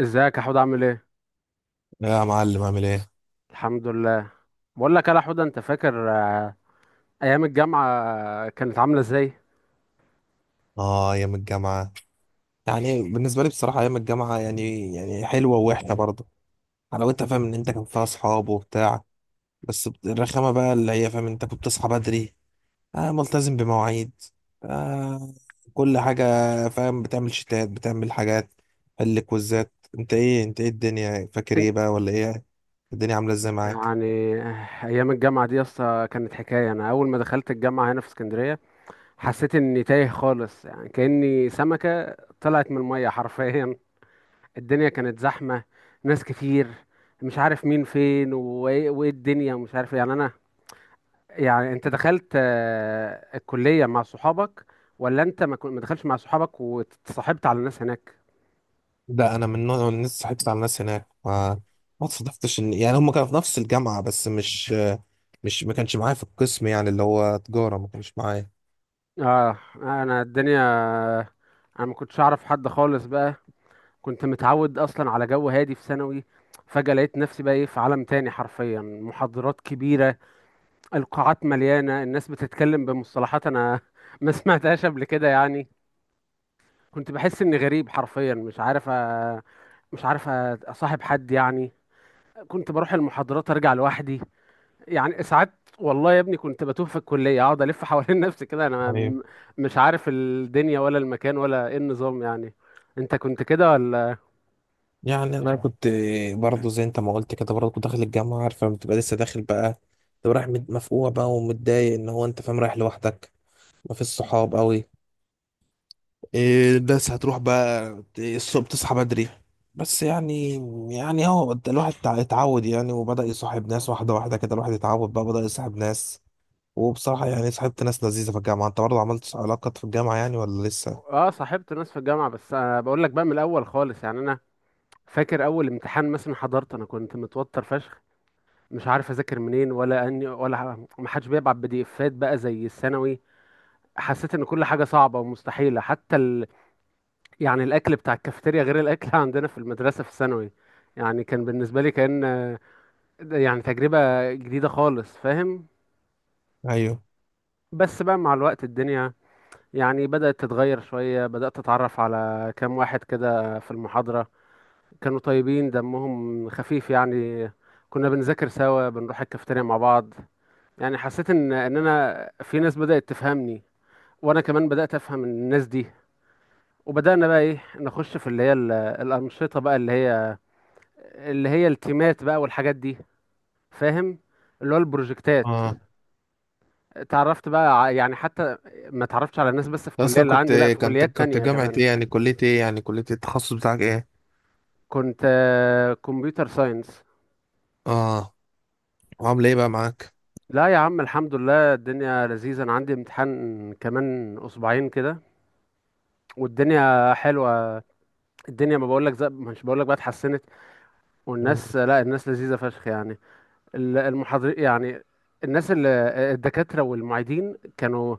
ازيك يا حوده، عامل ايه؟ يا معلم عامل ايه؟ الحمد لله. بقول لك يا حوده، انت فاكر ايام الجامعه كانت عامله ازاي؟ اه ايام الجامعة. بالنسبة لي بصراحة ايام الجامعة يعني حلوة ووحشة برضه. حلاوتها فاهم ان انت كان فيها اصحاب وبتاع، بس الرخامة بقى اللي هي فاهم انت كنت بتصحى بدري، آه ملتزم بمواعيد، آه كل حاجة. فاهم بتعمل شتات بتعمل حاجات، حل كويزات. انت ايه، انت ايه الدنيا فاكر ايه انت. بقى ولا ايه، الدنيا عاملة ازاي معاك؟ يعني ايام الجامعه دي اصلا كانت حكايه. انا اول ما دخلت الجامعه هنا في اسكندريه حسيت اني تايه خالص، يعني كاني سمكه طلعت من الميه حرفيا. الدنيا كانت زحمه، ناس كتير، مش عارف مين فين وايه وإيه الدنيا ومش عارف إيه. يعني انا، يعني انت دخلت الكلية مع صحابك ولا انت ما دخلتش مع صحابك واتصاحبت على الناس هناك؟ ده انا من نوع الناس صاحبت على الناس هناك، ما صادفتش ان يعني هم كانوا في نفس الجامعه بس مش ما كانش معايا في القسم، يعني اللي هو تجاره ما كانش معايا. اه، انا الدنيا، انا ما كنتش اعرف حد خالص بقى. كنت متعود اصلا على جو هادي في ثانوي، فجأة لقيت نفسي بقى ايه في عالم تاني حرفيا. محاضرات كبيرة، القاعات مليانة، الناس بتتكلم بمصطلحات انا ما سمعتهاش قبل كده يعني. كنت بحس اني غريب حرفيا، مش عارف مش عارف اصاحب حد يعني. كنت بروح المحاضرات ارجع لوحدي. يعني ساعات والله يا ابني كنت بتوه في الكلية، اقعد الف حوالين نفسي كده، انا طيب، مش عارف الدنيا ولا المكان ولا ايه النظام يعني. انت كنت كده ولا؟ يعني انا كنت برضو زي انت ما قلت كده، برضو كنت داخل الجامعه عارف لما بتبقى لسه داخل بقى، تبقى رايح مفقوع بقى ومتضايق ان هو انت فاهم رايح لوحدك، ما فيش صحاب قوي، إيه بس هتروح بقى الصبح تصحى بدري. بس يعني هو الواحد اتعود يعني وبدأ يصاحب ناس واحدة واحدة كده، الواحد اتعود بقى بدأ يصاحب ناس. وبصراحة يعني صاحبت ناس لذيذة في الجامعة. انت برضه عملت علاقات في الجامعة يعني ولا لسه؟ اه، صاحبت ناس في الجامعة، بس انا بقول لك بقى من الاول خالص يعني. انا فاكر اول امتحان مثلا حضرت، انا كنت متوتر فشخ، مش عارف اذاكر منين ولا اني ولا ما حدش بيبعت بي دي افات بقى زي الثانوي. حسيت ان كل حاجة صعبة ومستحيلة، حتى يعني الاكل بتاع الكافيتيريا غير الاكل عندنا في المدرسة في الثانوي. يعني كان بالنسبة لي كأن ده يعني تجربة جديدة خالص، فاهم؟ ايوه. بس بقى مع الوقت الدنيا يعني بدأت تتغير شوية، بدأت أتعرف على كام واحد كده في المحاضرة، كانوا طيبين دمهم خفيف يعني. كنا بنذاكر سوا، بنروح الكافيتيريا مع بعض. يعني حسيت إن أنا في ناس بدأت تفهمني، وأنا كمان بدأت أفهم الناس دي. وبدأنا بقى إيه نخش في اللي هي الأنشطة بقى، اللي هي التيمات بقى والحاجات دي، فاهم؟ اللي هو البروجكتات. اه اتعرفت بقى يعني حتى ما اتعرفتش على الناس بس في الكلية اصلا اللي كنت، عندي، لا، في كنت كليات كنت تانية جامعة كمان. ايه يعني، كلية ايه يعني، كلية التخصص بتاعك ايه؟ كنت كمبيوتر ساينس. اه وعامله ايه بقى معاك؟ لا يا عم، الحمد لله الدنيا لذيذة. انا عندي امتحان كمان اسبوعين كده، والدنيا حلوة. الدنيا، ما بقولك زي، مش بقولك بقى اتحسنت؟ مم. والناس، لا، الناس لذيذة فشخ يعني. المحاضر يعني، الناس اللي الدكاترة والمعيدين كانوا،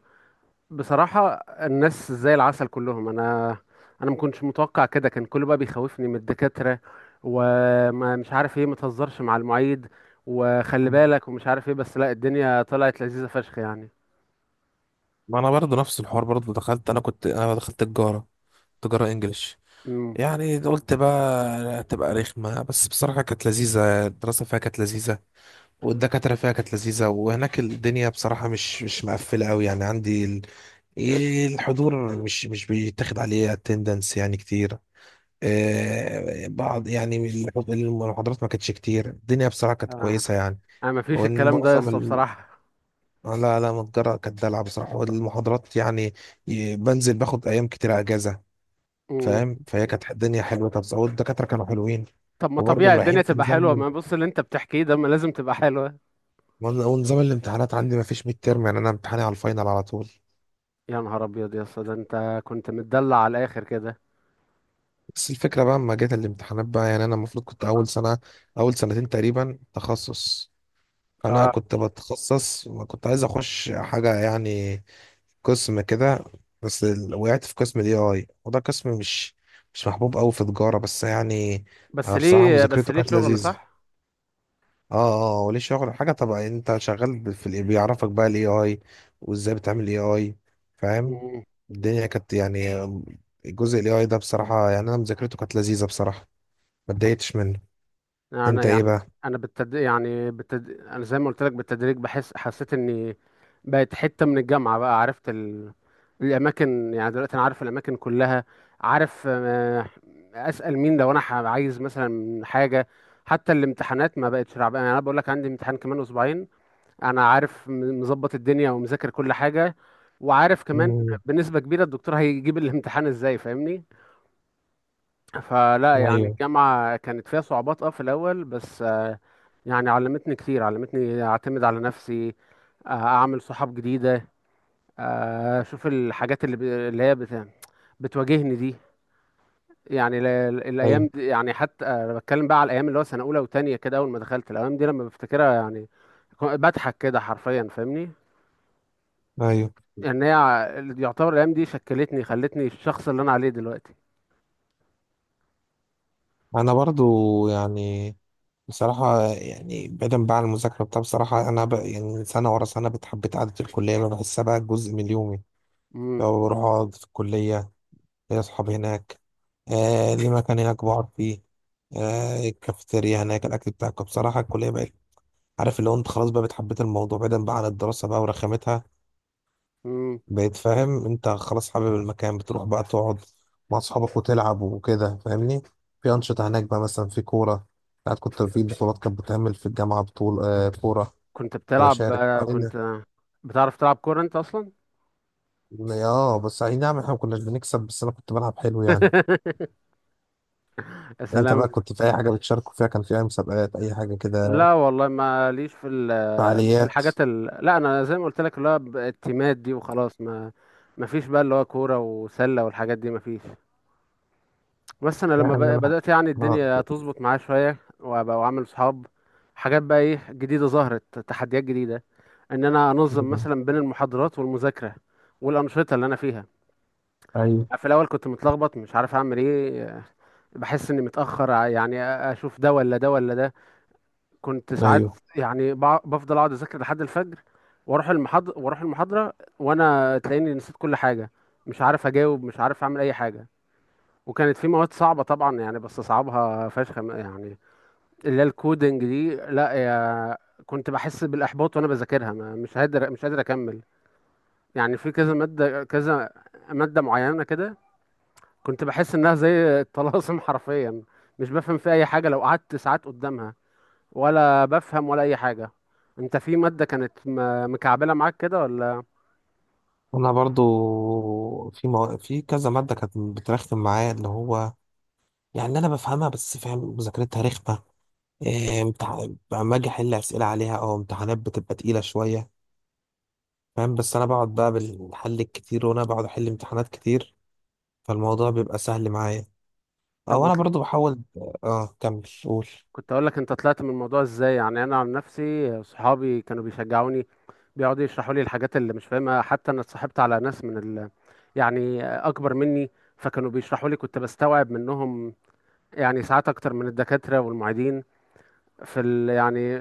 بصراحة، الناس زي العسل كلهم. أنا ما كنتش متوقع كده. كان كله بقى بيخوفني من الدكاترة، وما مش عارف إيه، ما تهزرش مع المعيد وخلي بالك ومش عارف إيه. بس لا، الدنيا طلعت لذيذة فشخ يعني. ما انا برضه نفس الحوار، برضه دخلت، انا دخلت تجارة، تجارة انجليش. امم. يعني قلت بقى هتبقى رخمة بس بصراحة كانت لذيذة، الدراسة فيها كانت لذيذة والدكاترة فيها كانت لذيذة. وهناك الدنيا بصراحة مش مقفلة أوي يعني، عندي ال... الحضور مش بيتاخد عليه اتندنس يعني كتير، بعض يعني المحاضرات ما كانتش كتير. الدنيا بصراحة كانت آه. كويسة يعني، أنا ما فيش وان الكلام ده معظم لسه ال... بصراحة. لا لا متجرة كانت دلع بصراحة. والمحاضرات يعني، بنزل باخد أيام كتير أجازة. امم. فاهم، فهي كانت الدنيا حلوة. طب والدكاترة كانوا حلوين طب ما وبرضه طبيعي مريحين الدنيا في تبقى حلوة. نظام. ما بص اللي أنت بتحكيه ده ما لازم تبقى حلوة. ونظام الامتحانات عندي ما فيش ميد تيرم، يعني أنا امتحاني على الفاينل على طول. يا نهار أبيض يا اسطى، ده أنت كنت متدلع على الآخر كده. بس الفكرة بقى لما جت الامتحانات بقى، يعني أنا المفروض كنت أول سنة، أول سنتين تقريبا تخصص. فأنا آه، كنت بتخصص وكنت عايز أخش حاجة يعني، قسم كده. بس وقعت في قسم ال AI، وده قسم مش محبوب أوي في تجارة، بس يعني بس أنا بصراحة ليه بس مذاكرته ليه كانت شغل لذيذة. صح؟ اه، اه وليه شغل حاجة طبعا. أنت شغال في ال بيعرفك بقى ال AI وإزاي بتعمل AI، فاهم. الدنيا كانت يعني، جزء ال AI ده بصراحة يعني أنا مذاكرته كانت لذيذة بصراحة، ما اتضايقتش منه. انا انت ايه يعني، بقى؟ انا يعني انا زي ما قلت لك بالتدريج حسيت اني بقت حته من الجامعه بقى. عرفت الاماكن. يعني دلوقتي انا عارف الاماكن كلها، عارف اسال مين لو انا عايز مثلا حاجه. حتى الامتحانات ما بقتش رعب يعني. انا بقول لك عندي امتحان كمان اسبوعين، انا عارف مظبط الدنيا ومذاكر كل حاجه. وعارف كمان مم. بنسبه كبيره الدكتور هيجيب الامتحان ازاي، فاهمني؟ فلا يعني ايوه، الجامعة كانت فيها صعوبات، في الأول بس، يعني علمتني كتير، علمتني أعتمد على نفسي، أعمل صحاب جديدة، أشوف الحاجات اللي اللي هي بتواجهني دي. يعني الأيام ايوه، دي، يعني حتى أنا بتكلم بقى على الأيام اللي هو سنة أولى وتانية كده، أول ما دخلت. الأيام دي لما بفتكرها يعني بضحك كده حرفيا، فاهمني؟ ايوه. إن هي ع- يعتبر الأيام دي شكلتني، خلتني الشخص اللي أنا عليه دلوقتي. انا برضو يعني بصراحة، يعني بعيدا بقى عن المذاكرة بتاع، بصراحة أنا بقى يعني سنة ورا سنة بتحبيت قعدة الكلية، أنا بحسها بقى جزء من يومي. امم. لو بروح أقعد في الكلية، ليا أصحابي هناك، آه ليه مكان هناك بقعد فيه، آه الكافيتيريا هناك الأكل بتاعك. بصراحة الكلية بقت، عارف اللي هو أنت خلاص بقى بتحبيت الموضوع بعيدا بقى عن الدراسة بقى ورخامتها. امم. بقيت فاهم انت خلاص حابب المكان، بتروح بقى تقعد مع اصحابك وتلعب وكده فاهمني. في انشطه هناك بقى، مثلا في كوره، ساعات كنت في بطولات كانت بتعمل في الجامعه بطول آه كوره. كنت كنت بتلعب؟ بشارك اه كنت بتعرف تلعب كورة انت اصلا؟ اه. بس اي نعم احنا ما كناش بنكسب بس انا كنت بلعب حلو يعني. يا انت بقى سلام. كنت في اي حاجه بتشاركوا فيها، كان في اي مسابقات اي حاجه كده، لا والله ما ليش في في فعاليات الحاجات لا انا زي ما قلت لك اللي هو التيمات دي وخلاص. ما فيش بقى اللي هو كورة وسلة والحاجات دي، ما فيش. بس انا لما يعني؟ انا بدأت يعني اه، الدنيا تظبط معايا شوية، وابقى وعامل صحاب، حاجات بقى ايه جديدة، ظهرت تحديات جديدة. ان انا انظم مثلا بين المحاضرات والمذاكرة والأنشطة اللي انا فيها. ايوه، في الاول كنت متلخبط، مش عارف اعمل ايه، بحس اني متاخر يعني اشوف ده ولا ده ولا ده. كنت ساعات ايوه. يعني بفضل اقعد اذاكر لحد الفجر، واروح المحاضره، وانا تلاقيني نسيت كل حاجه، مش عارف اجاوب، مش عارف اعمل اي حاجه. وكانت في مواد صعبه طبعا يعني بستصعبها فشخ يعني، اللي هي الكودنج دي، لا يا. كنت بحس بالاحباط وانا بذاكرها، مش قادر اكمل. يعني في كذا ماده، كذا ماده معينه كده، كنت بحس انها زي الطلاسم حرفيا. مش بفهم في اي حاجه لو قعدت ساعات قدامها، ولا بفهم ولا اي حاجه. انت في ماده كانت مكعبله معاك كده ولا؟ انا برضو في في كذا ماده كانت بترخم معايا، اللي هو يعني انا بفهمها بس فاهم مذاكرتها رخمه، لما اجي احل اسئله عليها او امتحانات بتبقى تقيله شويه فاهم. بس انا بقعد بقى بالحل الكتير، وانا بقعد احل امتحانات كتير فالموضوع بيبقى سهل معايا. طب او انا برضو بحاول، اه كمل قول. كنت اقول لك انت طلعت من الموضوع ازاي؟ يعني انا عن نفسي، صحابي كانوا بيشجعوني، بيقعدوا يشرحوا لي الحاجات اللي مش فاهمها. حتى انا اتصاحبت على ناس من يعني اكبر مني، فكانوا بيشرحوا لي، كنت بستوعب منهم يعني ساعات اكتر من الدكاتره والمعيدين يعني.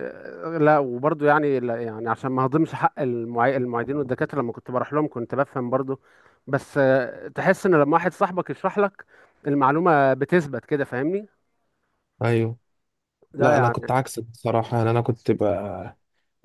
لا وبرضه يعني لا، يعني عشان ما هضمش حق المعيدين والدكاترة، لما كنت بروح لهم كنت بفهم برضه، بس تحس ان لما واحد صاحبك يشرح لك المعلومة بتثبت كده، فاهمني؟ ايوه. ده لا انا يعني. كنت عكسك بصراحه، يعني انا كنت بقى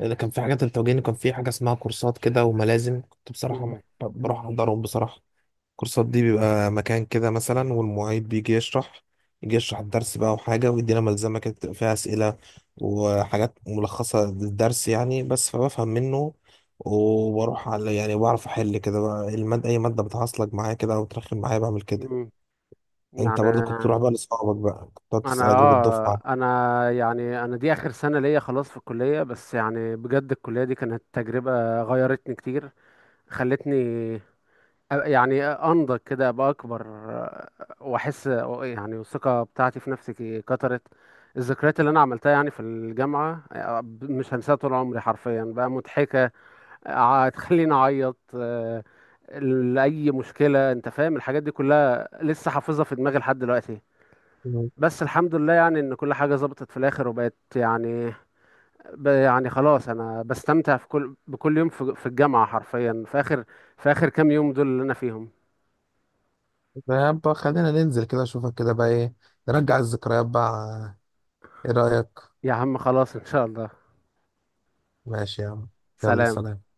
اذا كان في حاجات التوجيهي كان في حاجه اسمها كورسات كده وملازم، كنت بصراحه مم. بروح احضرهم بصراحه. الكورسات دي بيبقى مكان كده مثلا، والمعيد بيجي يشرح، يجي يشرح الدرس بقى وحاجة، ويدينا ملزمة كده بتبقى فيها أسئلة وحاجات ملخصة للدرس يعني. بس فبفهم منه، وبروح على يعني بعرف أحل كده بقى المادة، أي مادة بتعصلك معايا كده أو بترخم معايا بعمل كده. مم. أنت يعني برضو كنت تروح بقى لأصحابك بقى، كنت تقعد انا تسأل على جروب اه الدفعة؟ انا يعني انا دي اخر سنة ليا خلاص في الكلية. بس يعني بجد الكلية دي كانت تجربة غيرتني كتير، خلتني يعني انضج كده، ابقى اكبر، واحس يعني الثقه بتاعتي في نفسي كترت. الذكريات اللي انا عملتها يعني في الجامعه مش هنساها طول عمري حرفيا، بقى مضحكه تخليني اعيط، لاي مشكله، انت فاهم؟ الحاجات دي كلها لسه حافظها في دماغي لحد دلوقتي. مم. بس الحمد لله يعني ان كل حاجه ظبطت في الاخر وبقت يعني، يعني خلاص انا بستمتع في بكل يوم في الجامعه حرفيا. في اخر، كام يوم دول اللي انا فيهم. طب خلينا ننزل كده اشوفك كده بقى، ايه نرجع الذكريات بقى، ايه رأيك؟ يا عم خلاص ان شاء الله. ماشي يا عم، يلا سلام. سلام.